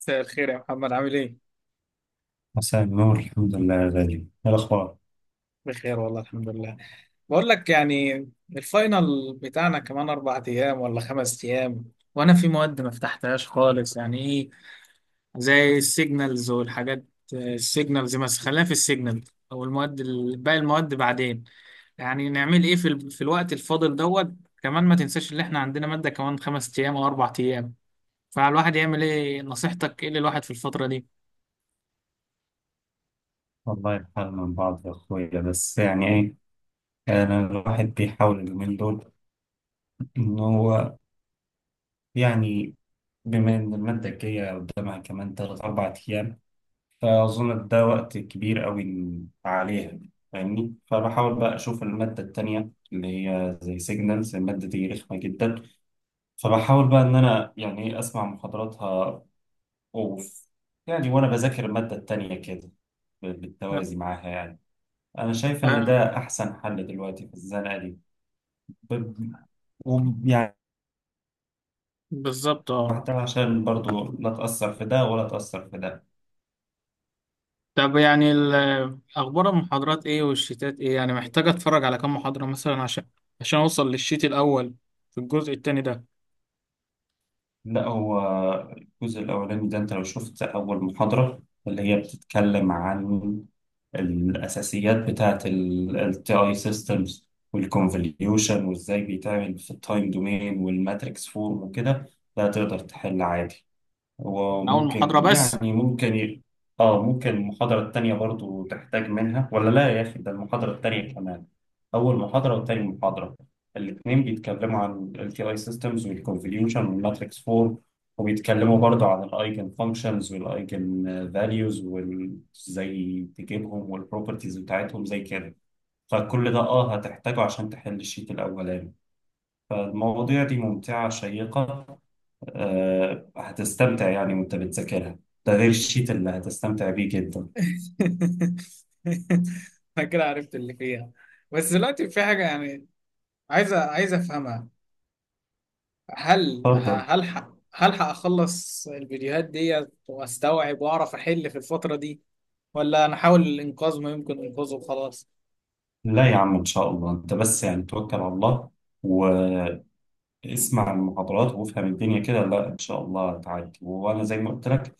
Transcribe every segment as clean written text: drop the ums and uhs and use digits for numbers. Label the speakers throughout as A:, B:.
A: مساء الخير يا محمد، عامل ايه؟
B: مساء النور، الحمد لله يا غالي. ايه الاخبار؟
A: بخير والله الحمد لله. بقول لك يعني، الفاينل بتاعنا كمان اربع ايام ولا خمس ايام، وانا في مواد ما فتحتهاش خالص، يعني ايه؟ زي السيجنالز والحاجات. السيجنالز، بس خلينا في السيجنال او المواد باقي المواد بعدين. يعني نعمل ايه في الوقت الفاضل دوت؟ كمان ما تنساش ان احنا عندنا مادة كمان خمس ايام او اربع ايام. فالواحد يعمل ايه؟ نصيحتك ايه للواحد في الفترة دي؟
B: والله الحال من بعض يا اخويا، بس يعني ايه، انا الواحد بيحاول اليومين دول ان هو، يعني، بما ان الماده الجايه قدامها كمان تلات اربع ايام، فاظن ده وقت كبير قوي عليها، فاهمني، فبحاول بقى اشوف الماده التانيه اللي هي زي سيجنالز. الماده دي رخمه جدا، فبحاول بقى ان انا يعني ايه اسمع محاضراتها اوف، يعني وانا بذاكر الماده التانيه كده
A: أه.
B: بالتوازي معاها يعني. أنا شايف إن
A: أه.
B: ده أحسن حل دلوقتي في الزنقة دي. ب- ويعني
A: بالظبط، اه.
B: حتى عشان برضو لا تأثر في ده ولا تأثر في ده.
A: طب يعني اخبار المحاضرات ايه والشيتات ايه؟ يعني محتاج اتفرج على كام محاضرة مثلا عشان عشان اوصل للشيت الاول في الجزء التاني ده.
B: لا، هو الجزء الأولاني ده، أنت لو شفت أول محاضرة اللي هي بتتكلم عن الأساسيات بتاعة ال TI systems والكونفوليوشن وإزاي بيتعمل في التايم دومين والماتريكس فورم وكده، ده تقدر تحل عادي.
A: من اول محاضرة
B: وممكن،
A: بس؟
B: يعني اه، ممكن المحاضرة التانية برضو تحتاج منها، ولا لا يا أخي، ده المحاضرة التانية كمان. أول محاضرة وتاني محاضرة الاتنين بيتكلموا عن ال LTI systems والconvolution والmatrix 4، وبيتكلموا برضو عن ال eigen functions وال eigen values وازاي تجيبهم والproperties بتاعتهم زي كده. فكل ده اه هتحتاجه عشان تحل الشيت الأولاني. فالمواضيع دي ممتعة شيقة، آه، هتستمتع يعني وانت بتذاكرها، ده غير الشيت اللي هتستمتع بيه جدا.
A: انا كده عرفت اللي فيها. بس دلوقتي في حاجة يعني عايزة عايزة افهمها. هل
B: تفضل.
A: هلحق اخلص الفيديوهات دي واستوعب واعرف احل في الفترة دي، ولا انا احاول الانقاذ ما يمكن انقاذه وخلاص؟
B: لا يا عم، ان شاء الله، انت بس يعني توكل على الله واسمع المحاضرات وافهم الدنيا كده. لا ان شاء الله هتعدي، وانا زي ما قلت لك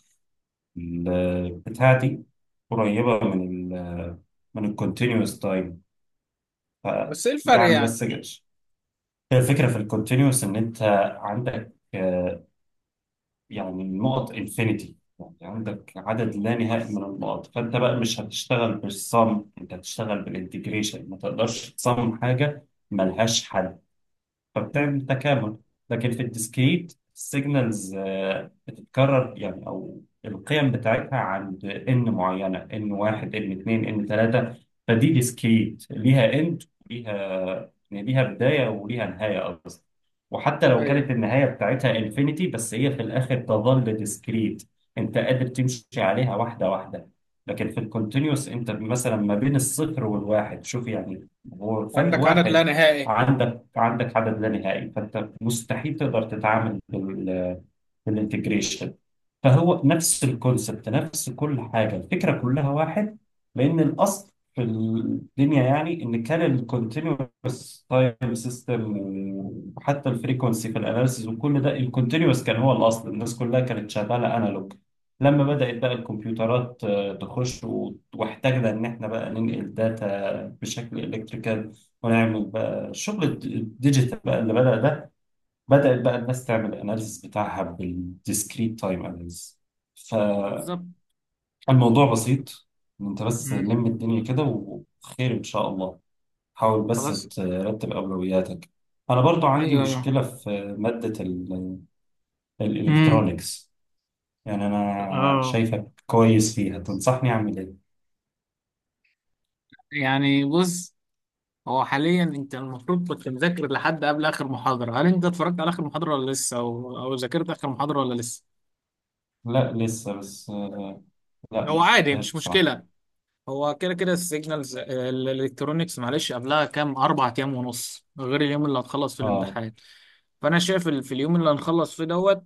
B: بتاعتي قريبه من ال من الكونتينوس تايم. ف
A: بس ايه الفرق
B: يعني
A: يعني؟
B: بس الفكره في الكونتينوس ان انت عندك، يعني النقط انفينيتي، يعني عندك عدد لا نهائي من النقط، فانت بقى مش هتشتغل بالصم، انت هتشتغل بالانتجريشن. ما تقدرش تصمم حاجه ملهاش حل،
A: مم.
B: فبتعمل تكامل. لكن في الديسكريت السيجنالز بتتكرر يعني، او القيم بتاعتها عند ان معينه، ان واحد، ان اتنين، ان تلاته، فدي ديسكريت، ليها اند، وليها يعني ليها بدايه وليها نهايه اصلا. وحتى لو
A: ايوه.
B: كانت النهايه بتاعتها انفينيتي، بس هي في الاخر تظل ديسكريت، انت قادر تمشي عليها واحده واحده. لكن في الكونتينيوس، انت مثلا ما بين الصفر والواحد، شوف يعني، هو فرق
A: عندك عدد لا
B: واحد،
A: نهائي.
B: عندك عندك عدد لا نهائي، فانت مستحيل تقدر تتعامل في الانتجريشن. فهو نفس الكونسبت، نفس كل حاجه، الفكره كلها واحد، لان الاصل في الدنيا يعني ان كان الكونتينوس تايم سيستم، وحتى الفريكونسي في الاناليسيز وكل ده الكونتينوس كان هو الاصل، الناس كلها كانت شغاله انالوج. لما بدات بقى الكمبيوترات آه، تخش واحتاجنا ان احنا بقى ننقل داتا بشكل الكتريكال ونعمل بقى الشغل الديجيتال، بقى اللي بدأ ده، بدأت بقى الناس تعمل الاناليسيس بتاعها بالديسكريت تايم اناليسيس.
A: بالظبط.
B: فالموضوع بسيط، إن انت بس
A: مم.
B: لم الدنيا كده وخير ان شاء الله. حاول بس
A: خلاص.
B: ترتب اولوياتك. انا برضو عندي
A: ايوه، ايوه.
B: مشكلة في مادة
A: امم.
B: الالكترونيكس، يعني انا
A: اه،
B: شايفك كويس فيها، تنصحني اعمل ايه؟
A: يعني بص، هو حاليا انت المفروض كنت مذاكر لحد قبل اخر محاضره، هل انت اتفرجت على اخر محاضره ولا لسه، او ذاكرت اخر محاضره ولا لسه؟
B: لا لسه، بس لا
A: هو
B: ما
A: عادي،
B: شفتهاش
A: مش
B: بصراحة.
A: مشكله. هو كده كده السيجنالز الالكترونيكس معلش قبلها كام؟ اربع ايام ونص غير اليوم اللي هتخلص فيه
B: اه،
A: الامتحان. فانا شايف في اليوم اللي هنخلص فيه دوت،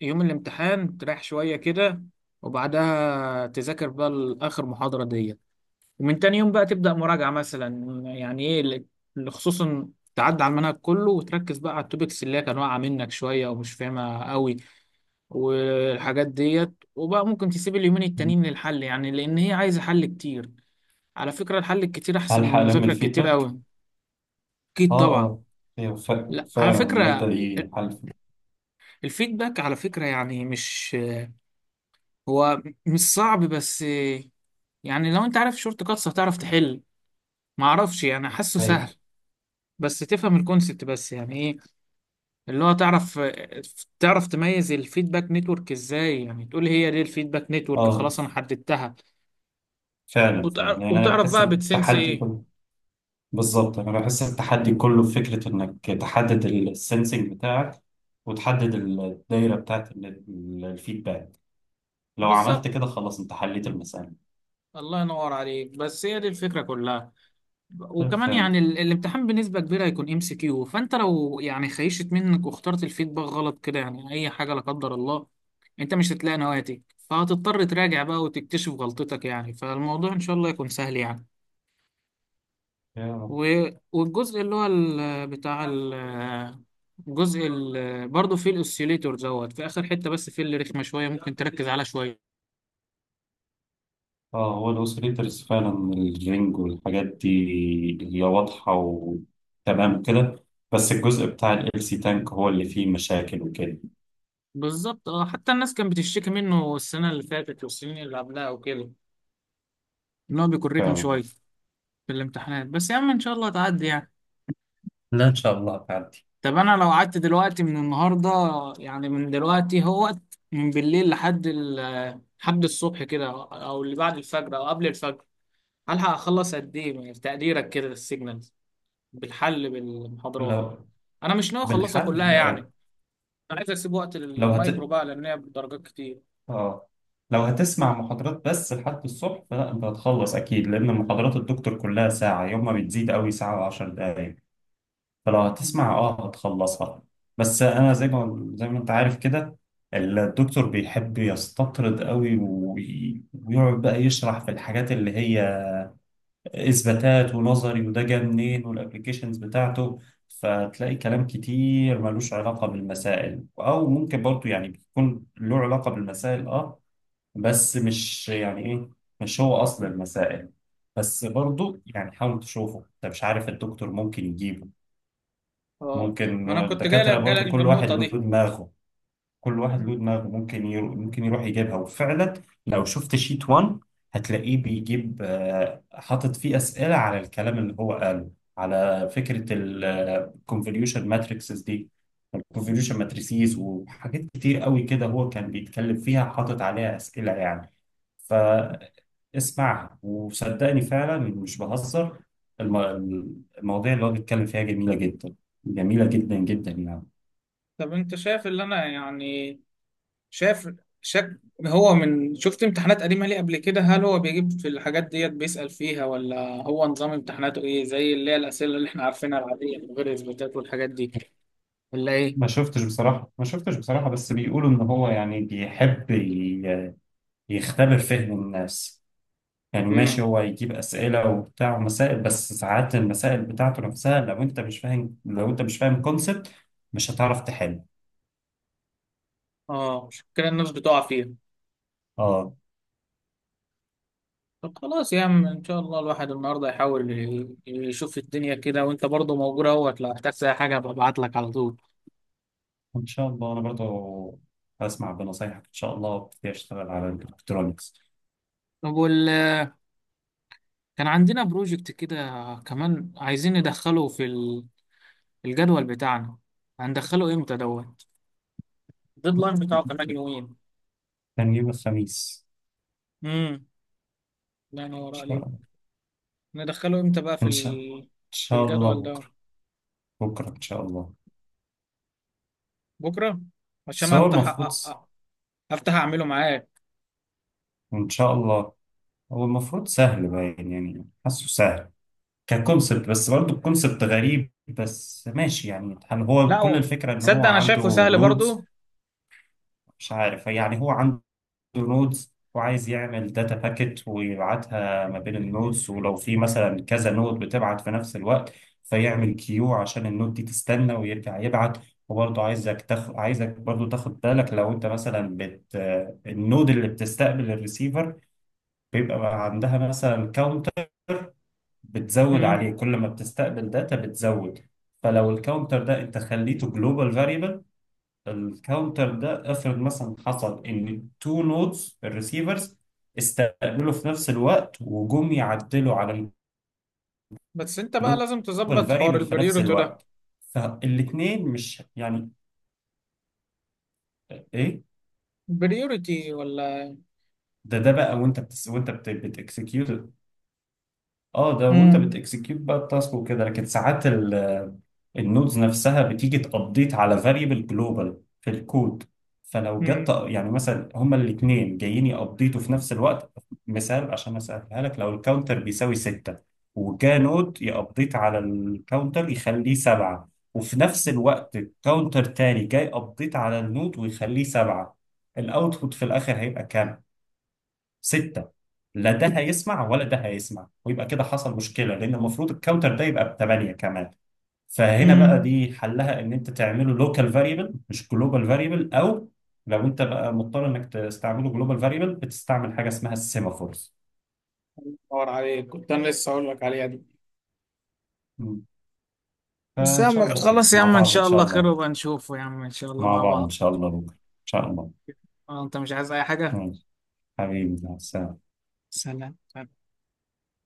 A: يوم الامتحان تريح شويه كده وبعدها تذاكر بقى اخر محاضره دي، ومن تاني يوم بقى تبدأ مراجعة مثلا، يعني ايه اللي خصوصا تعدي على المنهج كله وتركز بقى على التوبكس اللي هي كان واقعة منك شوية ومش فاهمها قوي والحاجات ديت، وبقى ممكن تسيب اليومين التانيين للحل يعني لأن هي عايزة حل كتير. على فكرة الحل الكتير أحسن من
B: هلحق ألم
A: المذاكرة الكتير
B: الفيدباك؟
A: قوي. أكيد
B: آه
A: طبعا.
B: آه، أيوة
A: لا، على
B: فعلا المادة
A: فكرة
B: دي حل.
A: الفيدباك على فكرة يعني مش، هو مش صعب، بس يعني لو انت عارف شورت كاتس هتعرف تحل. معرفش يعني، حاسه
B: أيوة،
A: سهل. بس تفهم الكونسبت، بس يعني إيه؟ اللي هو تعرف تعرف تميز الفيدباك نتورك ازاي، يعني تقول هي دي الفيدباك نتورك،
B: آه،
A: خلاص انا حددتها،
B: فعلا فعلا
A: وتعرف,
B: يعني انا
A: وتعرف
B: بحس
A: بقى بتسنس
B: التحدي
A: ايه.
B: كله. بالظبط، انا بحس التحدي كله في فكره انك تحدد السنسنج بتاعك وتحدد الدايره بتاعت الفيدباك. لو عملت
A: بالظبط.
B: كده خلاص انت حليت المساله.
A: الله ينور عليك، بس هي دي الفكرة كلها. وكمان
B: فاهم.
A: يعني الامتحان بنسبة كبيرة هيكون ام سي كيو، فانت لو يعني خيشت منك واخترت الفيدباك غلط كده، يعني اي حاجة لا قدر الله، انت مش هتلاقي نواتج، فهتضطر تراجع بقى وتكتشف غلطتك يعني. فالموضوع ان شاء الله يكون سهل يعني.
B: يا رب.
A: والجزء اللي هو ال- بتاع ال- الجزء ال- برضه فيه الاوسيليتور دوت في اخر حته، بس فيه اللي رخمه شويه ممكن تركز عليها شويه.
B: اه، هو الاوسيليترز فعلا، الرينج والحاجات دي هي واضحه وتمام كده. بس الجزء بتاع ال سي تانك هو اللي فيه مشاكل وكده.
A: بالظبط اه، حتى الناس كانت بتشتكي منه السنه اللي فاتت والسنين اللي قبلها وكده، ان هو بيكون رخم شويه
B: فعلا.
A: في الامتحانات. بس يا عم ان شاء الله تعدي يعني.
B: لا ان شاء الله هتعدي.
A: طب انا لو قعدت دلوقتي من النهارده، يعني من دلوقتي، هو من بالليل لحد لحد الصبح كده او اللي بعد الفجر او قبل الفجر، هلحق اخلص قد ايه من تقديرك كده؟ السيجنال بالحل بالمحاضرات.
B: لو
A: انا مش ناوي اخلصها
B: بالحل.
A: كلها يعني، انا عايز اسيب وقت
B: لو هت...
A: للمايكرو بقى لان هي بدرجات كتير.
B: اه، لو هتسمع محاضرات بس لحد الصبح فلا، انت هتخلص اكيد، لان محاضرات الدكتور كلها ساعة، يوم ما بتزيد قوي، ساعة وعشر دقايق، فلو
A: مم.
B: هتسمع اه هتخلصها. بس انا زي ما انت عارف كده، الدكتور بيحب يستطرد قوي ويقعد بقى يشرح في الحاجات اللي هي اثباتات ونظري وده جه منين والابلكيشنز بتاعته. فتلاقي كلام كتير ملوش علاقة بالمسائل، او ممكن برضو يعني بيكون له علاقة بالمسائل اه، بس مش يعني ايه، مش هو اصل المسائل. بس برضو يعني حاول تشوفه، انت مش عارف الدكتور ممكن يجيبه.
A: اه،
B: ممكن
A: ما انا كنت جاي لك
B: الدكاترة
A: جاي
B: برضو
A: لك في
B: كل واحد
A: النقطه
B: له
A: دي.
B: دماغه، كل واحد له دماغه، ممكن يروح يجيبها. وفعلا لو شفت شيت 1 هتلاقيه بيجيب، آه، حاطط فيه أسئلة على الكلام اللي هو قاله. على فكرة الكونفوليوشن ماتريكسز دي، الكونفوليوشن ماتريسيز وحاجات كتير قوي كده هو كان بيتكلم فيها، حاطط عليها أسئلة يعني. فاسمعها وصدقني فعلا مش بهزر. الم... المواضيع اللي هو بيتكلم فيها جميلة جدا، جميلة جدا جدا يعني.
A: طب انت شايف اللي انا يعني شايف شك، هو من شفت امتحانات قديمه ليه قبل كده؟ هل هو بيجيب في الحاجات ديت بيسأل فيها، ولا هو نظام امتحاناته ايه زي اللي هي الاسئله اللي احنا عارفينها العاديه من غير اثباتات والحاجات دي، ولا ايه؟
B: ما شفتش بصراحة، ما شفتش بصراحة، بس بيقولوا إن هو يعني بيحب يختبر فهم الناس. يعني ماشي
A: امم.
B: هو يجيب أسئلة وبتاع ومسائل، بس ساعات المسائل بتاعته نفسها، لو أنت مش فاهم كونسبت مش هتعرف تحل.
A: اه مش كده الناس بتقع فيها.
B: آه.
A: طب خلاص يا عم ان شاء الله الواحد النهارده يحاول يشوف الدنيا كده، وانت برضه موجود اهوت لو احتجت اي حاجه ببعت لك على طول.
B: إن شاء الله أنا برضه هسمع بنصايحك إن شاء الله وابتدي أشتغل على الإلكترونيكس.
A: طب كان عندنا بروجكت كده، كمان عايزين ندخله في الجدول بتاعنا، هندخله امتى دوت؟ الديدلاين بتاعه كمان يومين.
B: كان يوم الخميس.
A: امم. لا
B: إن
A: نور
B: شاء
A: عليك.
B: الله.
A: ندخله امتى بقى
B: إن شاء إن
A: في
B: شاء الله
A: الجدول ده؟
B: بكرة. بكرة إن شاء الله.
A: بكره. عشان
B: بس هو المفروض.
A: أ... افتح اعمله معاك.
B: إن شاء الله. هو المفروض سهل باين يعني، حاسه سهل ككونسبت، بس برضه الكونسبت غريب، بس ماشي يعني. هل
A: لا،
B: هو كل الفكرة ان هو
A: تصدق انا
B: عنده
A: شايفه سهل
B: نودز؟
A: برضه.
B: مش عارف. يعني هو عنده نودز وعايز يعمل داتا باكيت ويبعتها ما بين النودز، ولو في مثلا كذا نود بتبعت في نفس الوقت، فيعمل كيو عشان النود دي تستنى ويرجع يبعت. وبرضه عايزك برضه تاخد بالك. لو انت مثلا النود اللي بتستقبل الريسيفر بيبقى عندها مثلا كاونتر، بتزود عليه كل ما بتستقبل داتا بتزود. فلو الكاونتر ده انت خليته جلوبال فاريبل، الكاونتر ده افرض مثلا حصل ان تو نودز، الريسيفرز، استقبلوا في نفس الوقت وجم يعدلوا على
A: بس انت بقى لازم
B: الجلوبال
A: تظبط حوار
B: فاريبل في نفس
A: البريوريتي ده،
B: الوقت، فالاثنين مش يعني، ايه،
A: بريوريتي ولا؟
B: ده بقى وانت بتس وانت اه، ده وانت
A: امم
B: بتكسكيوت بقى التاسك وكده. لكن ساعات النودز نفسها بتيجي تابديت على فاريبل جلوبال في الكود. فلو جت
A: امم
B: يعني مثلا هما الاثنين جايين يابديتوا في نفس الوقت، مثال عشان اسالها لك، لو الكاونتر بيساوي 6 وجا نود يابديت على الكاونتر يخليه 7، وفي نفس الوقت كاونتر تاني جاي ابديت على النود ويخليه 7، الاوتبوت في الاخر هيبقى كام؟ 6. لا ده هيسمع ولا ده هيسمع، ويبقى كده حصل مشكلة، لأن المفروض الكاونتر ده يبقى ب8 كمان. فهنا بقى
A: امم
B: دي حلها إن أنت تعمله لوكال فاريبل مش جلوبال فاريبل. أو لو أنت بقى مضطر إنك تستعمله جلوبال فاريبل، بتستعمل حاجة اسمها السيمافورز.
A: دور عليك، كنت انا لسه هقول لك عليها دي.
B: مم.
A: بس يا
B: فإن شاء
A: عم
B: الله خير،
A: خلاص، يا
B: مع
A: عم ان
B: بعض إن
A: شاء
B: شاء
A: الله خير
B: الله.
A: وبنشوفه يا عم ان شاء الله
B: مع
A: مع
B: بعض إن
A: بعض.
B: شاء الله بكرة إن شاء الله.
A: اه انت مش عايز اي حاجة؟
B: ماشي. حبيبي مع السلامة.
A: سلام.